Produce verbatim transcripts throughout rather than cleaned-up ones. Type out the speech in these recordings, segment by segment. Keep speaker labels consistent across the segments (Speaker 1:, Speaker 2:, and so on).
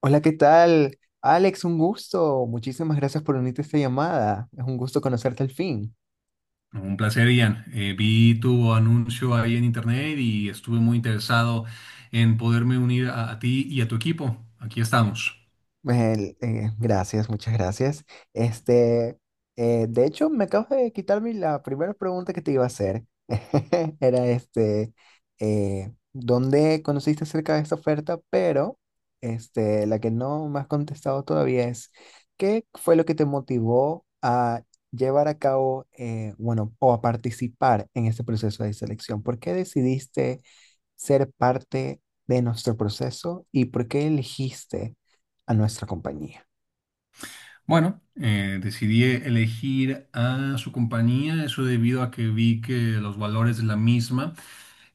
Speaker 1: Hola, ¿qué tal? Alex, un gusto. Muchísimas gracias por unirte a esta llamada. Es un gusto conocerte al fin.
Speaker 2: No, un placer, Ian. Eh, vi tu anuncio ahí en internet y estuve muy interesado en poderme unir a, a ti y a tu equipo. Aquí estamos.
Speaker 1: El- eh, gracias, muchas gracias. Este, eh, de hecho, me acabas de quitarme la primera pregunta que te iba a hacer. Era este, eh, ¿dónde conociste acerca de esta oferta? Pero este, la que no me has contestado todavía es, ¿qué fue lo que te motivó a llevar a cabo, eh, bueno, o a participar en este proceso de selección? ¿Por qué decidiste ser parte de nuestro proceso y por qué elegiste a nuestra compañía?
Speaker 2: Bueno, eh, decidí elegir a su compañía, eso debido a que vi que los valores de la misma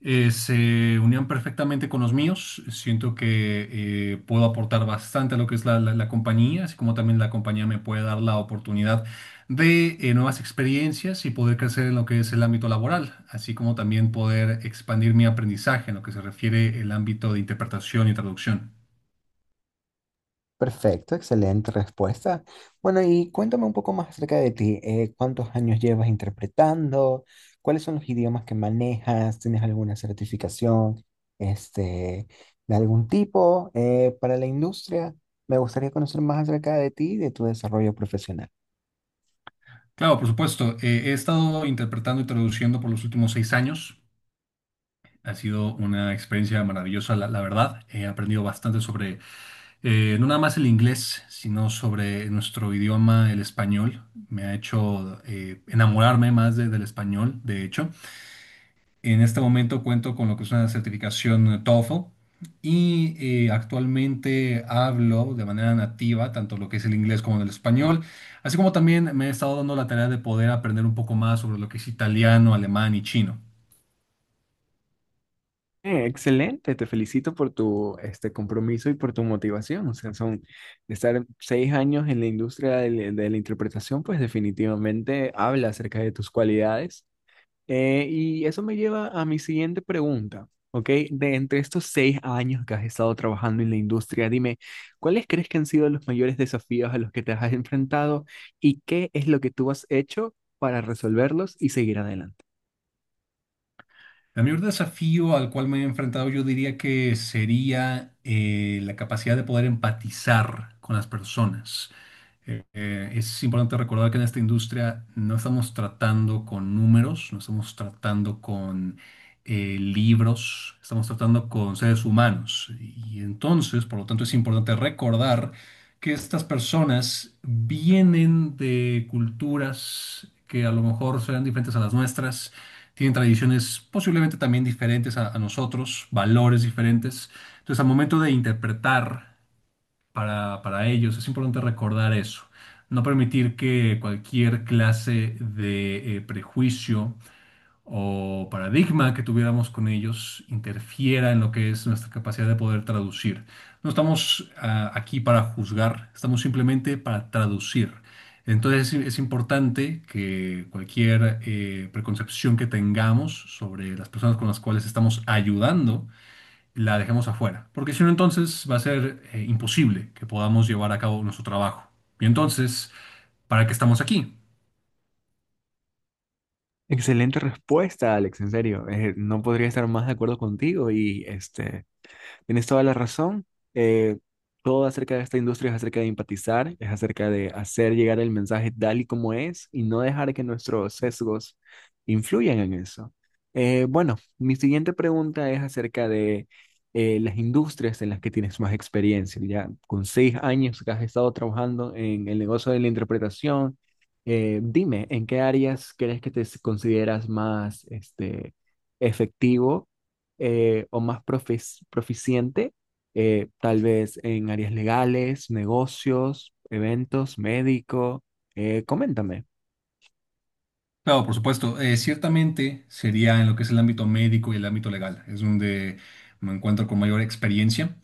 Speaker 2: eh, se unían perfectamente con los míos. Siento que eh, puedo aportar bastante a lo que es la, la- la compañía, así como también la compañía me puede dar la oportunidad de eh, nuevas experiencias y poder crecer en lo que es el ámbito laboral, así como también poder expandir mi aprendizaje en lo que se refiere el ámbito de interpretación y traducción.
Speaker 1: Perfecto, excelente respuesta. Bueno, y cuéntame un poco más acerca de ti. Eh, ¿cuántos años llevas interpretando? ¿Cuáles son los idiomas que manejas? ¿Tienes alguna certificación, este, de algún tipo, eh, para la industria? Me gustaría conocer más acerca de ti y de tu desarrollo profesional.
Speaker 2: Claro, por supuesto. Eh, he estado interpretando y traduciendo por los últimos seis años. Ha sido una experiencia maravillosa, la, la verdad. He aprendido bastante sobre, eh, no nada más el inglés, sino sobre nuestro idioma, el español. Me ha hecho eh, enamorarme más de- del español, de hecho. En este momento cuento con lo que es una certificación tofel y eh, actualmente hablo de manera nativa tanto lo que es el inglés como el español, así como también me he estado dando la tarea de poder aprender un poco más sobre lo que es italiano, alemán y chino.
Speaker 1: Eh, Excelente, te felicito por tu este compromiso y por tu motivación. O sea, son de estar seis años en la industria de, la de la interpretación, pues definitivamente habla acerca de tus cualidades. Eh, y eso me lleva a mi siguiente pregunta, ¿ok? De entre estos seis años que has estado trabajando en la industria, dime, ¿cuáles crees que han sido los mayores desafíos a los que te has enfrentado y qué es lo que tú has hecho para resolverlos y seguir adelante?
Speaker 2: El mayor desafío al cual me he enfrentado yo diría que sería eh, la capacidad de poder empatizar con las personas. Eh, eh, es importante recordar que en esta industria no estamos tratando con números, no estamos tratando con eh, libros, estamos tratando con seres humanos. Y entonces, por lo tanto, es importante recordar que estas personas vienen de culturas que a lo mejor serán diferentes a las nuestras, tienen tradiciones posiblemente también diferentes a a nosotros, valores diferentes. Entonces, al momento de interpretar para, para ellos, es importante recordar eso. No permitir que cualquier clase de eh, prejuicio o paradigma que tuviéramos con ellos interfiera en lo que es nuestra capacidad de poder traducir. No estamos ah, aquí para juzgar, estamos simplemente para traducir. Entonces es, es importante que cualquier eh, preconcepción que tengamos sobre las personas con las cuales estamos ayudando, la dejemos afuera, porque si no entonces va a ser eh, imposible que podamos llevar a cabo nuestro trabajo. Y entonces, ¿para qué estamos aquí?
Speaker 1: Excelente respuesta, Alex, en serio. Eh, no podría estar más de acuerdo contigo y este, tienes toda la razón. Eh, Todo acerca de esta industria es acerca de empatizar, es acerca de hacer llegar el mensaje tal y como es y no dejar que nuestros sesgos influyan en eso. Eh, bueno, mi siguiente pregunta es acerca de eh, las industrias en las que tienes más experiencia. Ya con seis años que has estado trabajando en el negocio de la interpretación, eh, dime, ¿en qué áreas crees que te consideras más este, efectivo? Eh, ¿o más profes- proficiente, eh, tal vez en áreas legales, negocios, eventos, médico? Eh, coméntame.
Speaker 2: Claro, por supuesto. Eh, ciertamente sería en lo que es el ámbito médico y el ámbito legal, es donde me encuentro con mayor experiencia.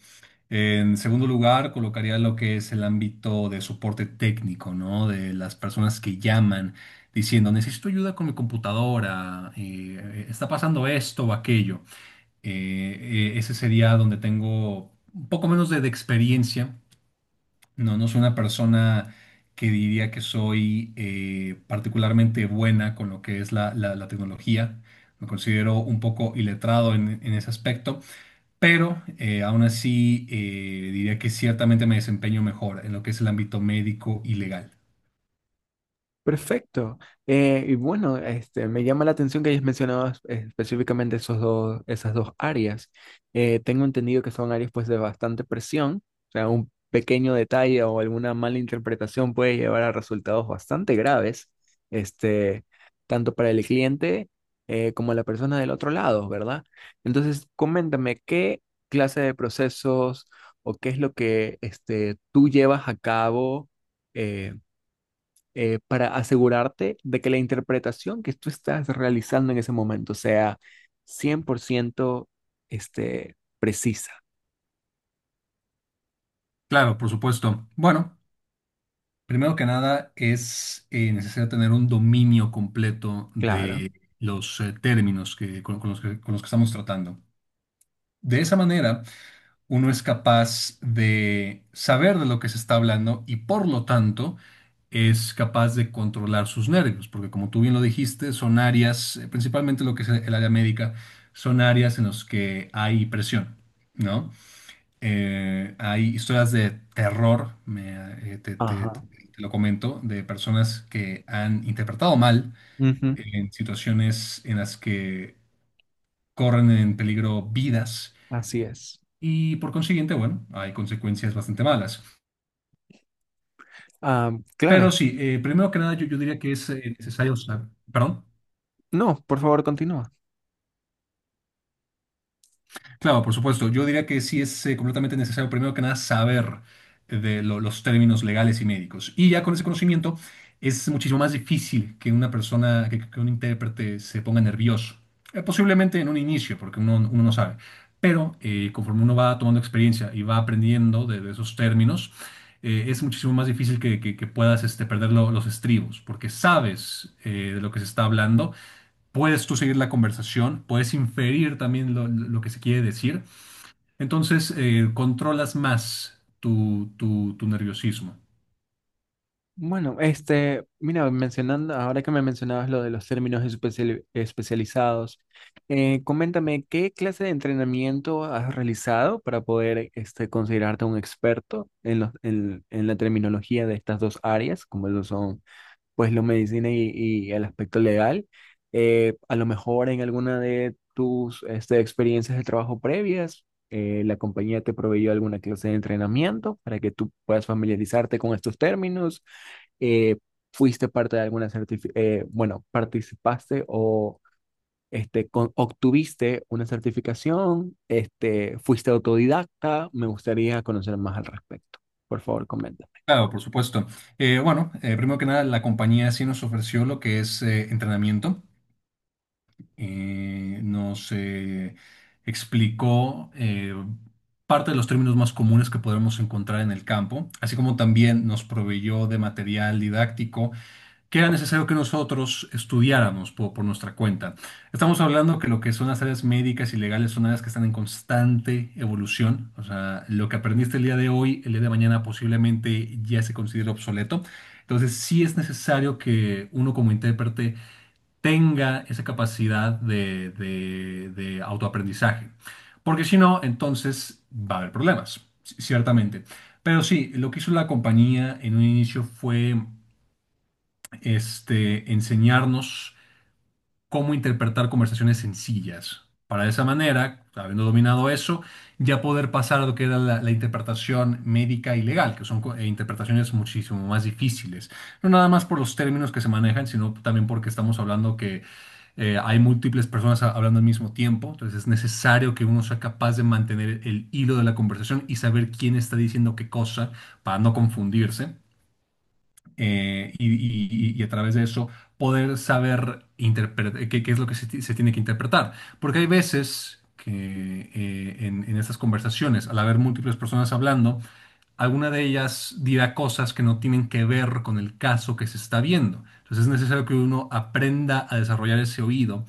Speaker 2: En segundo lugar, colocaría lo que es el ámbito de soporte técnico, ¿no? De las personas que llaman diciendo, necesito ayuda con mi computadora, eh, está pasando esto o aquello. Eh, eh, ese sería donde tengo un poco menos de, de experiencia. No, no soy una persona que diría que soy eh, particularmente buena con lo que es la, la- la tecnología. Me considero un poco iletrado en, en ese aspecto, pero eh, aún así eh, diría que ciertamente me desempeño mejor en lo que es el ámbito médico y legal.
Speaker 1: Perfecto. Eh, y bueno, este, me llama la atención que hayas mencionado es- específicamente esos dos, esas dos áreas. Eh, tengo entendido que son áreas pues de bastante presión, o sea, un pequeño detalle o alguna mala interpretación puede llevar a resultados bastante graves, este, tanto para el cliente eh, como la persona del otro lado, ¿verdad? Entonces, coméntame qué clase de procesos o qué es lo que este, tú llevas a cabo. eh, eh, para asegurarte de que la interpretación que tú estás realizando en ese momento sea cien por ciento, este, precisa.
Speaker 2: Claro, por supuesto. Bueno, primero que nada es eh, necesario tener un dominio completo
Speaker 1: Claro.
Speaker 2: de los eh, términos que, con, con los que, con los que estamos tratando. De esa manera uno es capaz de saber de lo que se está hablando y por lo tanto es capaz de controlar sus nervios, porque como tú bien lo dijiste, son áreas, eh, principalmente lo que es el área médica, son áreas en las que hay presión, ¿no? Eh, hay historias de terror, me, eh, te, te- te
Speaker 1: Ajá.
Speaker 2: lo comento, de personas que han interpretado mal
Speaker 1: Ujú.
Speaker 2: en situaciones en las que corren en peligro vidas
Speaker 1: Así es.
Speaker 2: y por consiguiente, bueno, hay consecuencias bastante malas.
Speaker 1: Ah,
Speaker 2: Pero
Speaker 1: claro.
Speaker 2: sí, eh, primero que nada, yo, yo diría que es eh, necesario saber. ¿Perdón?
Speaker 1: No, por favor, continúa.
Speaker 2: Claro, por supuesto. Yo diría que sí es eh, completamente necesario, primero que nada, saber de lo- los términos legales y médicos. Y ya con ese conocimiento es muchísimo más difícil que una persona, que, que un intérprete se ponga nervioso. Eh, posiblemente en un inicio, porque uno, uno no sabe. Pero eh, conforme uno va tomando experiencia y va aprendiendo de, de esos términos, eh, es muchísimo más difícil que, que- que puedas este, perder lo- los estribos, porque sabes eh, de lo que se está hablando. Puedes tú seguir la conversación, puedes inferir también lo, lo que se quiere decir. Entonces, eh, controlas más tu, tu, tu nerviosismo.
Speaker 1: Bueno, este, mira, mencionando, ahora que me mencionabas lo de los términos especiali- especializados, eh, coméntame qué clase de entrenamiento has realizado para poder este, considerarte un experto en, los, en, en la terminología de estas dos áreas, como lo son pues la medicina y, y el aspecto legal. Eh, a lo mejor en alguna de tus este, experiencias de trabajo previas, eh, la compañía te proveyó alguna clase de entrenamiento para que tú puedas familiarizarte con estos términos, eh, fuiste parte de alguna certificación, bueno, participaste o este, con- obtuviste una certificación, este, fuiste autodidacta, me gustaría conocer más al respecto. Por favor, coméntame.
Speaker 2: Claro, por supuesto. Eh, bueno, eh, primero que nada, la compañía sí nos ofreció lo que es eh, entrenamiento. Eh, nos eh, explicó eh, parte de los términos más comunes que podremos encontrar en el campo, así como también nos proveyó de material didáctico que era necesario que nosotros estudiáramos po- por, nuestra cuenta. Estamos hablando que lo que son las áreas médicas y legales son áreas que están en constante evolución. O sea, lo que aprendiste el día de hoy, el día de mañana posiblemente ya se considera obsoleto. Entonces, sí es necesario que uno como intérprete tenga esa capacidad de, de- de autoaprendizaje. Porque si no, entonces va a haber problemas, c- ciertamente. Pero sí, lo que hizo la compañía en un inicio fue este, enseñarnos cómo interpretar conversaciones sencillas. Para de esa manera, habiendo dominado eso, ya poder pasar a lo que era la, la interpretación médica y legal, que son co- eh, interpretaciones muchísimo más difíciles. No nada más por los términos que se manejan, sino también porque estamos hablando que eh, hay múltiples personas a- hablando al mismo tiempo, entonces es necesario que uno sea capaz de mantener el hilo de la conversación y saber quién está diciendo qué cosa para no confundirse eh, y, y- y a través de eso poder saber interpre- qué, qué es lo que se, ti- se tiene que interpretar. Porque hay veces que eh, en, en estas conversaciones, al haber múltiples personas hablando, alguna de ellas dirá cosas que no tienen que ver con el caso que se está viendo. Entonces es necesario que uno aprenda a desarrollar ese oído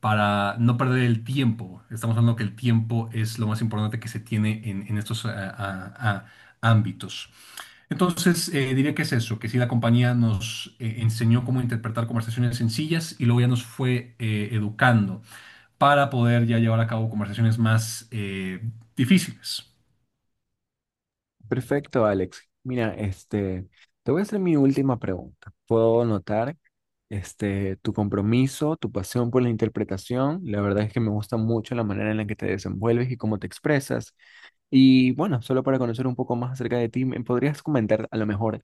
Speaker 2: para no perder el tiempo. Estamos hablando que el tiempo es lo más importante que se tiene en, en estos ah, ah, ah, ámbitos. Entonces, eh, diría que es eso, que sí, la compañía nos eh, enseñó cómo interpretar conversaciones sencillas y luego ya nos fue eh, educando para poder ya llevar a cabo conversaciones más eh, difíciles.
Speaker 1: Perfecto, Alex. Mira, este, te voy a hacer mi última pregunta. Puedo notar este, tu compromiso, tu pasión por la interpretación. La verdad es que me gusta mucho la manera en la que te desenvuelves y cómo te expresas. Y bueno, solo para conocer un poco más acerca de ti, ¿me podrías comentar a lo mejor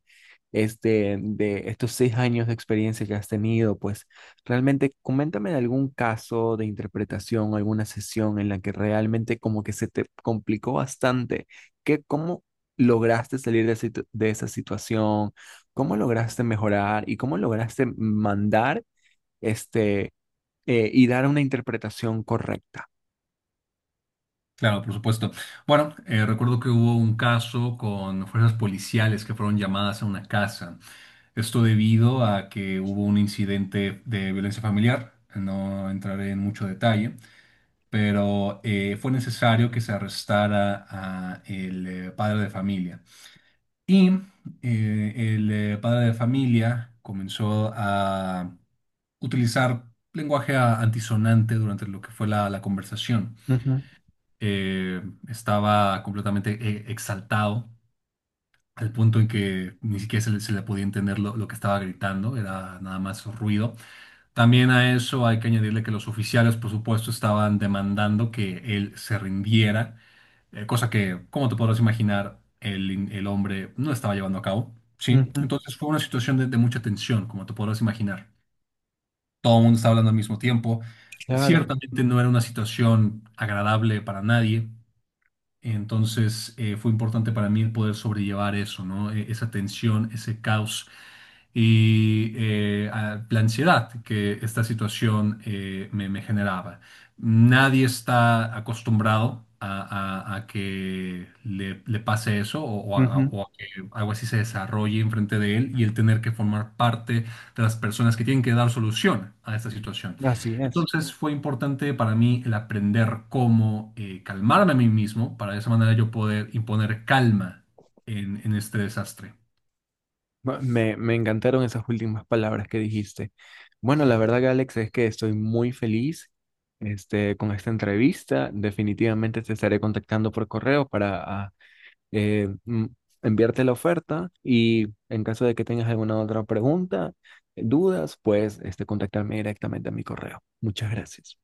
Speaker 1: este, de estos seis años de experiencia que has tenido? Pues realmente coméntame de algún caso de interpretación, alguna sesión en la que realmente como que se te complicó bastante. ¿Qué, cómo lograste salir de, situ- de esa situación? ¿Cómo lograste mejorar? ¿Y cómo lograste mandar este, eh, y dar una interpretación correcta?
Speaker 2: Claro, por supuesto. Bueno, eh, recuerdo que hubo un caso con fuerzas policiales que fueron llamadas a una casa. Esto debido a que hubo un incidente de violencia familiar. No entraré en mucho detalle, pero eh, fue necesario que se arrestara a el eh, padre de familia. Y eh, el eh, padre de familia comenzó a utilizar lenguaje a- antisonante durante lo que fue la, la conversación.
Speaker 1: Ujú,
Speaker 2: Eh, Estaba completamente eh, exaltado al punto en que ni siquiera se le, se le podía entender lo, lo que estaba gritando, era nada más ruido. También a eso hay que añadirle que los oficiales, por supuesto, estaban demandando que él se rindiera, eh, cosa que, como te podrás imaginar, el, in- el hombre no estaba llevando a cabo, ¿sí?
Speaker 1: ujú,
Speaker 2: Entonces fue una situación de, de mucha tensión, como te podrás imaginar. Todo el mundo estaba hablando al mismo tiempo.
Speaker 1: claro.
Speaker 2: Ciertamente no era una situación agradable para nadie, entonces eh, fue importante para mí el poder sobrellevar eso, ¿no? E- Esa tensión, ese caos y eh, a- la ansiedad que esta situación eh, me, me generaba. Nadie está acostumbrado a, a- a que le, le pase eso o, o a, o a que algo así se desarrolle enfrente de él y el tener que formar parte de las personas que tienen que dar solución a esta situación.
Speaker 1: Así es.
Speaker 2: Entonces fue importante para mí el aprender cómo eh, calmarme a mí mismo para de esa manera yo poder imponer calma en, en este desastre.
Speaker 1: Ma- Me, me encantaron esas últimas palabras que dijiste. Bueno, la verdad, Alex, es que estoy muy feliz este, con esta entrevista. Definitivamente te estaré contactando por correo para ah, eh, mm, enviarte la oferta y en caso de que tengas alguna otra pregunta, dudas, pues este, contactarme directamente a mi correo. Muchas gracias.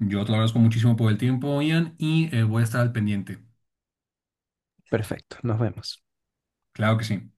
Speaker 2: Yo te lo agradezco muchísimo por el tiempo, Ian, y eh, voy a estar al pendiente.
Speaker 1: Perfecto, nos vemos.
Speaker 2: Claro que sí.